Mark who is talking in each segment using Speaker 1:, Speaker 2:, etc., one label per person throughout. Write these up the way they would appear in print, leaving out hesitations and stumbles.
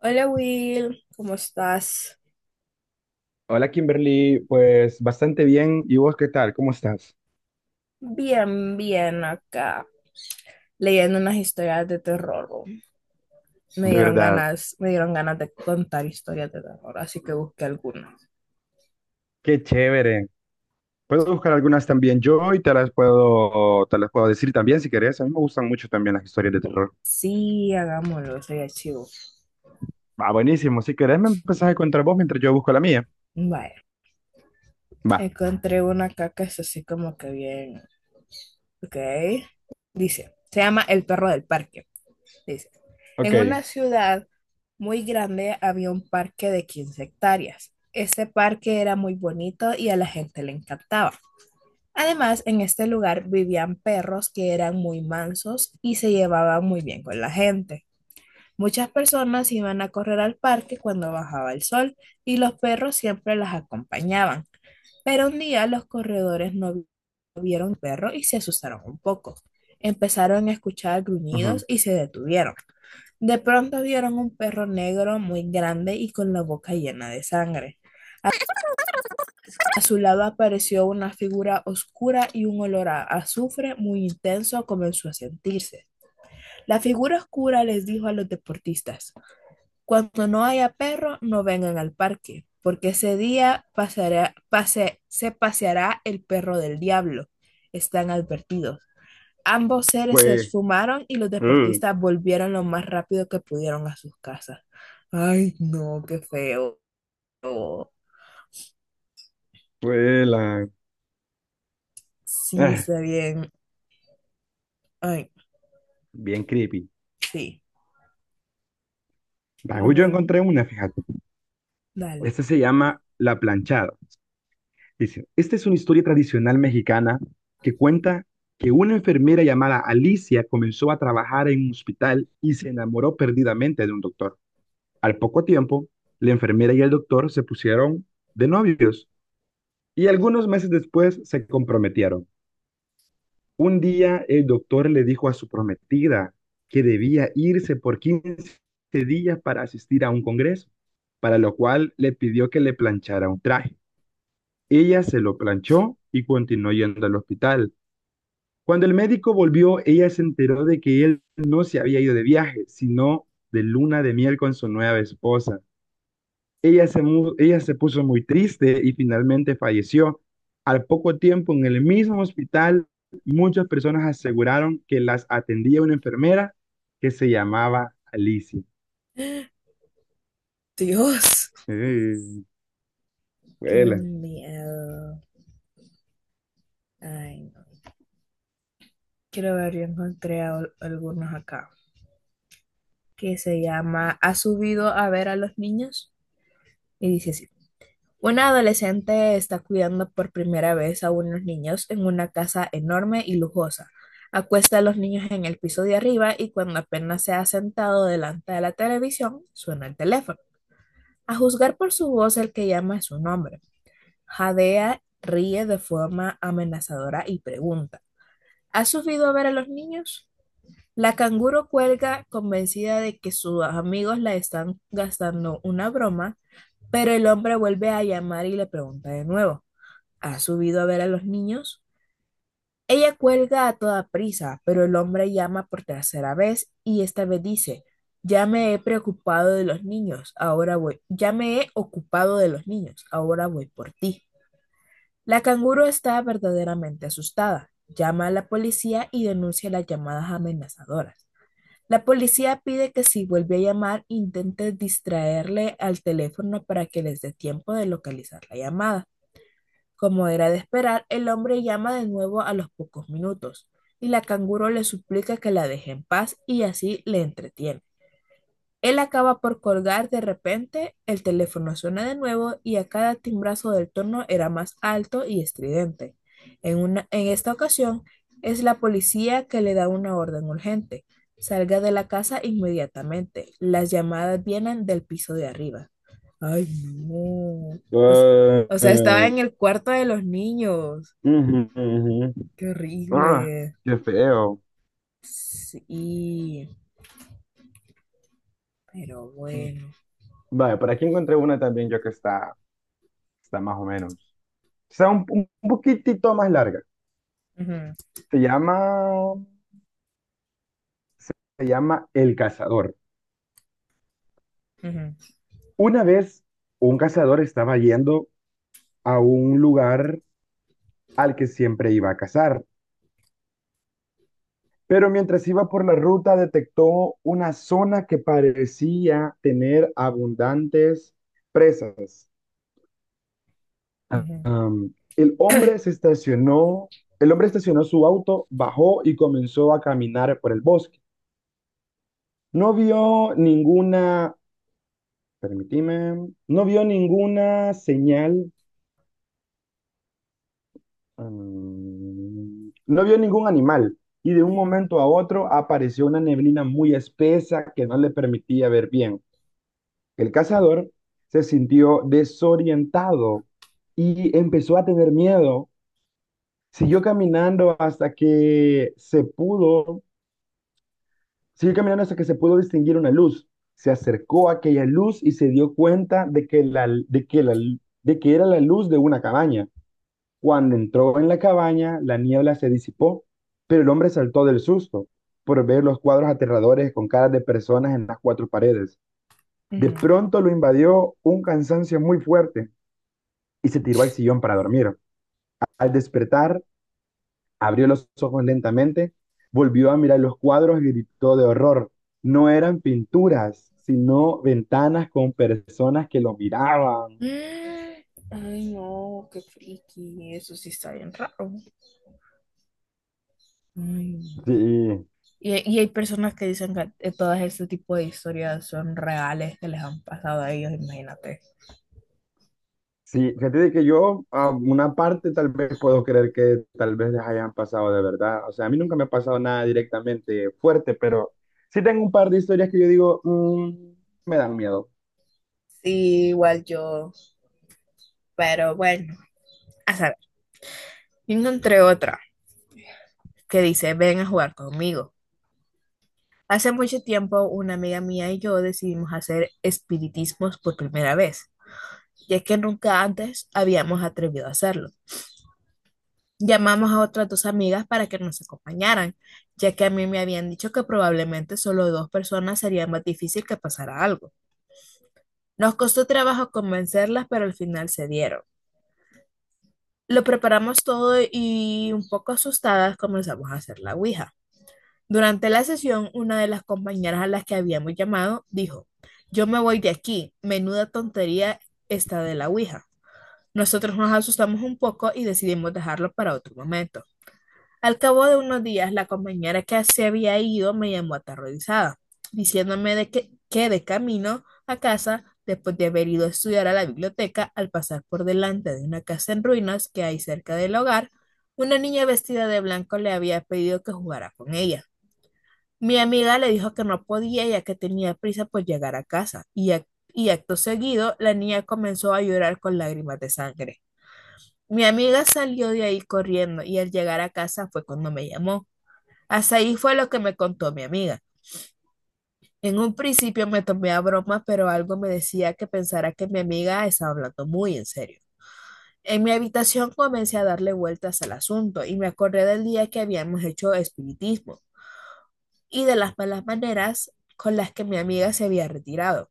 Speaker 1: Hola Will, ¿cómo estás?
Speaker 2: Hola Kimberly, pues bastante bien. ¿Y vos qué tal? ¿Cómo estás?
Speaker 1: Bien, bien acá, leyendo unas historias de terror. Me
Speaker 2: De
Speaker 1: dieron
Speaker 2: verdad,
Speaker 1: ganas, me dieron ganas de contar historias de terror, así que busqué algunas.
Speaker 2: qué chévere. Puedo buscar algunas también yo y te las puedo decir también si querés. A mí me gustan mucho también las historias de terror.
Speaker 1: Sí, hagámoslo, sería chivo.
Speaker 2: Ah, buenísimo. Si querés me empezás a contar vos mientras yo busco la mía.
Speaker 1: Vaya,
Speaker 2: Va.
Speaker 1: encontré una acá que es así como que bien, ok. Dice, se llama El perro del parque. Dice, en una
Speaker 2: Ok.
Speaker 1: ciudad muy grande había un parque de 15 hectáreas. Este parque era muy bonito y a la gente le encantaba. Además, en este lugar vivían perros que eran muy mansos y se llevaban muy bien con la gente. Muchas personas iban a correr al parque cuando bajaba el sol y los perros siempre las acompañaban. Pero un día los corredores no vieron al perro y se asustaron un poco. Empezaron a escuchar gruñidos
Speaker 2: Ujú.
Speaker 1: y se detuvieron. De pronto vieron un perro negro muy grande y con la boca llena de sangre. A su lado apareció una figura oscura y un olor a azufre muy intenso comenzó a sentirse. Cura les dijo a los deportistas, cuando no haya perro, no vengan al parque, porque ese día se paseará el perro del diablo. Están advertidos. Los deportistas volvieron lo más rápido que pudieron.
Speaker 2: Fue la-
Speaker 1: Sí,
Speaker 2: Ah,
Speaker 1: está bien. Ay,
Speaker 2: bien creepy.
Speaker 1: sí.
Speaker 2: Va,
Speaker 1: Pero
Speaker 2: yo
Speaker 1: bueno,
Speaker 2: encontré una, fíjate.
Speaker 1: dale.
Speaker 2: Esta se llama La Planchada. Dice, esta es una historia tradicional mexicana que cuenta que una enfermera llamada Alicia comenzó a trabajar en un hospital y se enamoró perdidamente de un doctor. Al poco tiempo, la enfermera y el doctor se pusieron de novios y algunos meses después se comprometieron. Un día el doctor le dijo a su prometida que debía irse por 15 días para asistir a un congreso, para lo cual le pidió que le planchara un traje. Ella se lo planchó y continuó yendo al hospital. Cuando el médico volvió, ella se enteró de que él no se había ido de viaje, sino de luna de miel con su nueva esposa. Ella se puso muy triste y finalmente falleció. Al poco tiempo, en el mismo hospital, muchas personas aseguraron que las atendía una enfermera que se llamaba Alicia.
Speaker 1: Dios.
Speaker 2: Eh,
Speaker 1: Qué
Speaker 2: huela.
Speaker 1: miedo. Ay, no. Quiero ver, yo encontré algunos acá, que se llama ¿Ha subido a ver a los niños? Y dice así. Una adolescente está cuidando por primera vez a unos niños en una casa enorme y lujosa. Acuesta a los niños en el piso de arriba y cuando apenas se ha sentado delante de la televisión, suena el teléfono. A juzgar por su voz, el que llama es un hombre. Jadea ríe de forma amenazadora y pregunta, ¿has subido a ver a los niños? La canguro cuelga convencida de que sus amigos la están gastando una broma, pero el hombre vuelve a llamar y le pregunta de nuevo, ¿has subido a ver a los niños? Ella cuelga a toda prisa, pero el hombre llama por tercera vez y esta vez dice, ya me he preocupado de los niños, ahora voy, ya me he ocupado de los niños, ahora voy por ti. La canguro está verdaderamente asustada, llama a la policía y denuncia las llamadas amenazadoras. La policía pide que si vuelve a llamar, intente distraerle al teléfono para que les dé tiempo de localizar la llamada. Como era de esperar, el hombre llama de nuevo a los pocos minutos y la canguro le suplica que la deje en paz y así le entretiene. Él acaba por colgar de repente, el teléfono suena de nuevo y a cada timbrazo del tono era más alto y estridente. En esta ocasión es la policía que le da una orden urgente. Salga de la casa inmediatamente. Las llamadas vienen del piso de arriba. Ay, no. O,
Speaker 2: Ah,
Speaker 1: o sea, estaba
Speaker 2: eh,
Speaker 1: en el cuarto de los niños.
Speaker 2: ujú, ujú.
Speaker 1: Qué
Speaker 2: Ah,
Speaker 1: horrible.
Speaker 2: qué feo.
Speaker 1: Sí, pero bueno.
Speaker 2: Vale, por aquí encontré una también yo que está, está más o menos. O sea, un poquitito más larga.
Speaker 1: Ujú,
Speaker 2: Se llama, se llama El Cazador.
Speaker 1: ujú,
Speaker 2: Una vez un cazador estaba yendo a un lugar al que siempre iba a cazar, pero mientras iba por la ruta detectó una zona que parecía tener abundantes presas.
Speaker 1: ujú,
Speaker 2: El hombre se estacionó, el hombre estacionó su auto, bajó y comenzó a caminar por el bosque. No vio ninguna, permíteme, no vio ninguna señal, no vio ningún animal y de un
Speaker 1: ujú,
Speaker 2: momento a otro apareció una neblina muy espesa que no le permitía ver bien. El cazador se sintió desorientado y empezó a tener miedo. Siguió caminando hasta que se pudo Siguió caminando hasta que se pudo distinguir una luz. Se acercó a aquella luz y se dio cuenta de que era la luz de una cabaña. Cuando entró en la cabaña, la niebla se disipó, pero el hombre saltó del susto por ver los cuadros aterradores con caras de personas en las cuatro paredes. De
Speaker 1: ujú.
Speaker 2: pronto lo invadió un cansancio muy fuerte y se tiró al sillón para dormir. Al despertar, abrió los ojos lentamente, volvió a mirar los cuadros y gritó de horror. No eran pinturas, sino ventanas con personas que lo miraban.
Speaker 1: Mm, ay, no, qué friki, eso sí está bien raro. Ay, no.
Speaker 2: Sí,
Speaker 1: Y hay personas que dicen que todas este tipo de historias son reales que les han pasado a ellos, imagínate.
Speaker 2: sí, fíjate de que yo a una parte tal vez puedo creer que tal vez les hayan pasado de verdad. O sea, a mí nunca me ha pasado nada directamente fuerte, pero sí tengo un par de historias que yo digo, "Mm, me dan miedo".
Speaker 1: Sí, igual yo, pero bueno, a saber, yo encontré otra que dice, ven a jugar conmigo. Hace mucho tiempo una amiga mía y yo decidimos hacer espiritismos por primera vez, ya que nunca antes habíamos atrevido a hacerlo. Llamamos a otras dos amigas para que nos acompañaran, ya que a mí me habían dicho que probablemente solo dos personas sería más difícil que pasara algo. Nos costó trabajo convencerlas, pero al final se dieron. Lo preparamos todo y un poco asustadas comenzamos a hacer la ouija. Durante la sesión, una de las compañeras a las que habíamos llamado dijo, yo me voy de aquí, menuda tontería esta de la ouija. Nosotros nos asustamos un poco y decidimos dejarlo para otro momento. Al cabo de unos días, la compañera que se había ido me llamó aterrorizada, diciéndome de que de camino a casa, después de haber ido a estudiar a la biblioteca, al pasar por delante de una casa en ruinas que hay cerca del hogar, una niña vestida de blanco le había pedido que jugara con ella. Mi amiga le dijo que no podía ya que tenía prisa por llegar a casa, y acto seguido la niña comenzó a llorar con lágrimas de sangre. Mi amiga salió de ahí corriendo y al llegar a casa fue cuando me llamó. Hasta ahí fue lo que me contó mi amiga. En un principio me tomé a broma, pero algo me decía que pensara que mi amiga estaba hablando muy en serio. En mi habitación comencé a darle vueltas al asunto y me acordé del día que habíamos hecho espiritismo y de las malas maneras con las que mi amiga se había retirado.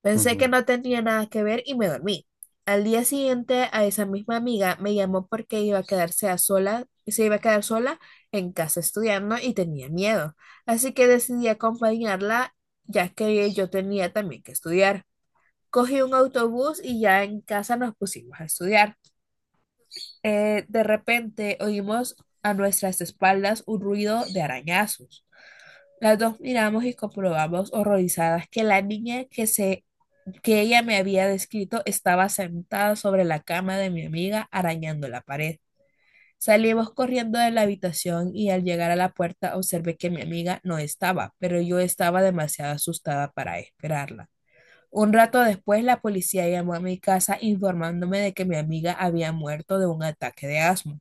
Speaker 1: Pensé que
Speaker 2: Ujú.
Speaker 1: no tenía nada que ver y me dormí. Al día siguiente, a esa misma amiga me llamó porque iba a quedarse a sola, se iba a quedar sola en casa estudiando y tenía miedo. Así que decidí acompañarla, ya que yo tenía también que estudiar. Cogí un autobús y ya en casa nos pusimos a estudiar. De repente oímos a nuestras espaldas un ruido de arañazos. Las dos miramos y comprobamos horrorizadas que la niña que ella me había descrito estaba sentada sobre la cama de mi amiga arañando la pared. Salimos corriendo de la habitación y al llegar a la puerta observé que mi amiga no estaba, pero yo estaba demasiado asustada para esperarla. Un rato después, la policía llamó a mi casa informándome de que mi amiga había muerto de un ataque de asma.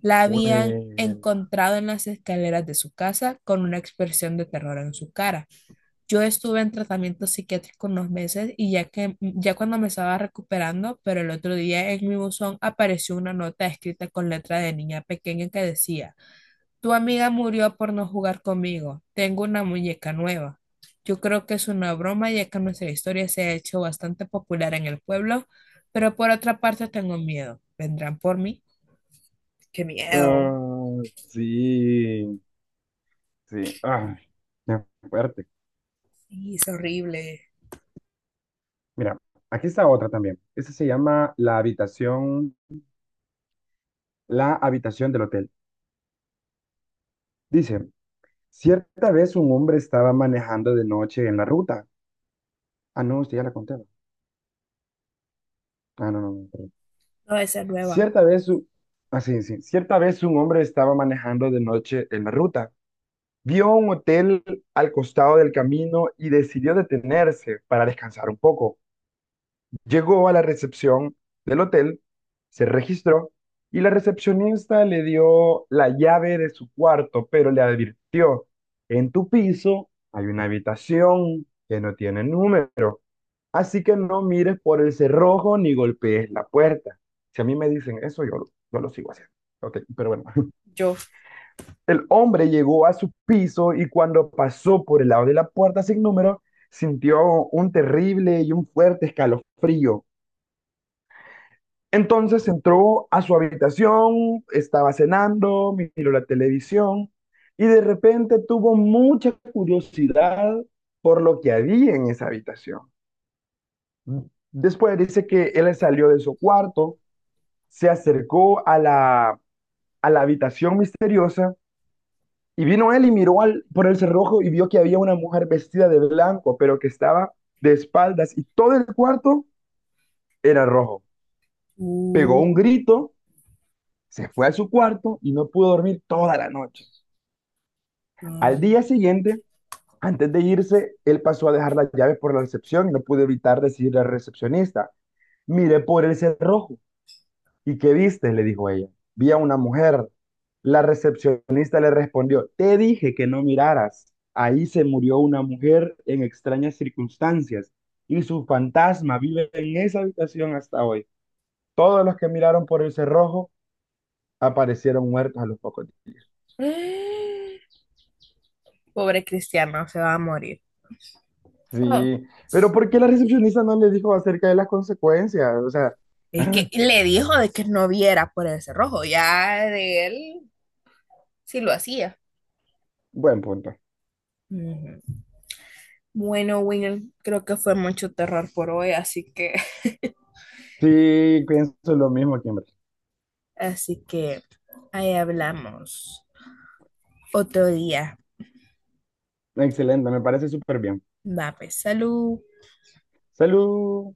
Speaker 1: La habían
Speaker 2: Huela.
Speaker 1: encontrado en las escaleras de su casa con una expresión de terror en su cara. Yo estuve en tratamiento psiquiátrico unos meses y ya cuando me estaba recuperando, pero el otro día en mi buzón apareció una nota escrita con letra de niña pequeña que decía, tu amiga murió por no jugar conmigo. Tengo una muñeca nueva. Yo creo que es una broma ya que nuestra historia se ha hecho bastante popular en el pueblo, pero por otra parte tengo miedo. ¿Vendrán por mí? Qué miedo.
Speaker 2: Ah, sí, sí. Ay, qué fuerte.
Speaker 1: Sí, es horrible.
Speaker 2: Mira, aquí está otra también. Esta se llama la habitación del hotel. Dice, cierta vez un hombre estaba manejando de noche en la ruta. Ah, no, usted ya la contaba. Ah, no, no, no, perdón.
Speaker 1: No, esa es nueva.
Speaker 2: Cierta vez, u- ah, sí, sí. Cierta vez un hombre estaba manejando de noche en la ruta. Vio un hotel al costado del camino y decidió detenerse para descansar un poco. Llegó a la recepción del hotel, se registró y la recepcionista le dio la llave de su cuarto, pero le advirtió, en tu piso hay una habitación que no tiene número, así que no mires por el cerrojo ni golpees la puerta. Si a mí me dicen eso, yo, yo lo sigo haciendo. Ok, pero bueno.
Speaker 1: Yo.
Speaker 2: El hombre llegó a su piso y cuando pasó por el lado de la puerta sin número, sintió un terrible y un fuerte escalofrío. Entonces entró a su habitación, estaba cenando, miró la televisión y de repente tuvo mucha curiosidad por lo que había en esa habitación. Después dice que él salió de su cuarto, se acercó a la habitación misteriosa y vino él y miró por el cerrojo y vio que había una mujer vestida de blanco, pero que estaba de espaldas y todo el cuarto era rojo. Pegó
Speaker 1: Uh,
Speaker 2: un grito. Se fue a su cuarto y no pudo dormir toda la noche. Al día siguiente, antes de irse, él pasó a dejar las llaves por la recepción y no pudo evitar decirle al recepcionista, miré por el cerrojo. ¿Y qué viste?, le dijo ella. Vi a una mujer. La recepcionista le respondió, te dije que no miraras. Ahí se murió una mujer en extrañas circunstancias y su fantasma vive en esa habitación hasta hoy. Todos los que miraron por el cerrojo aparecieron muertos a los pocos días.
Speaker 1: ay. Pobre Cristiano, se va a morir. Oh.
Speaker 2: Sí, pero ¿por qué la recepcionista no le dijo acerca de las consecuencias? O sea,
Speaker 1: Es
Speaker 2: ah,
Speaker 1: que le dijo de que no viera por el cerrojo, ya de él sí lo hacía.
Speaker 2: buen punto.
Speaker 1: Ujú. Bueno, Winnie, creo que fue mucho terror por hoy, así que,
Speaker 2: Sí, pienso lo mismo aquí, hombre.
Speaker 1: así que ahí hablamos otro día.
Speaker 2: Excelente, me parece súper bien.
Speaker 1: Va, pues, salud.
Speaker 2: Salud.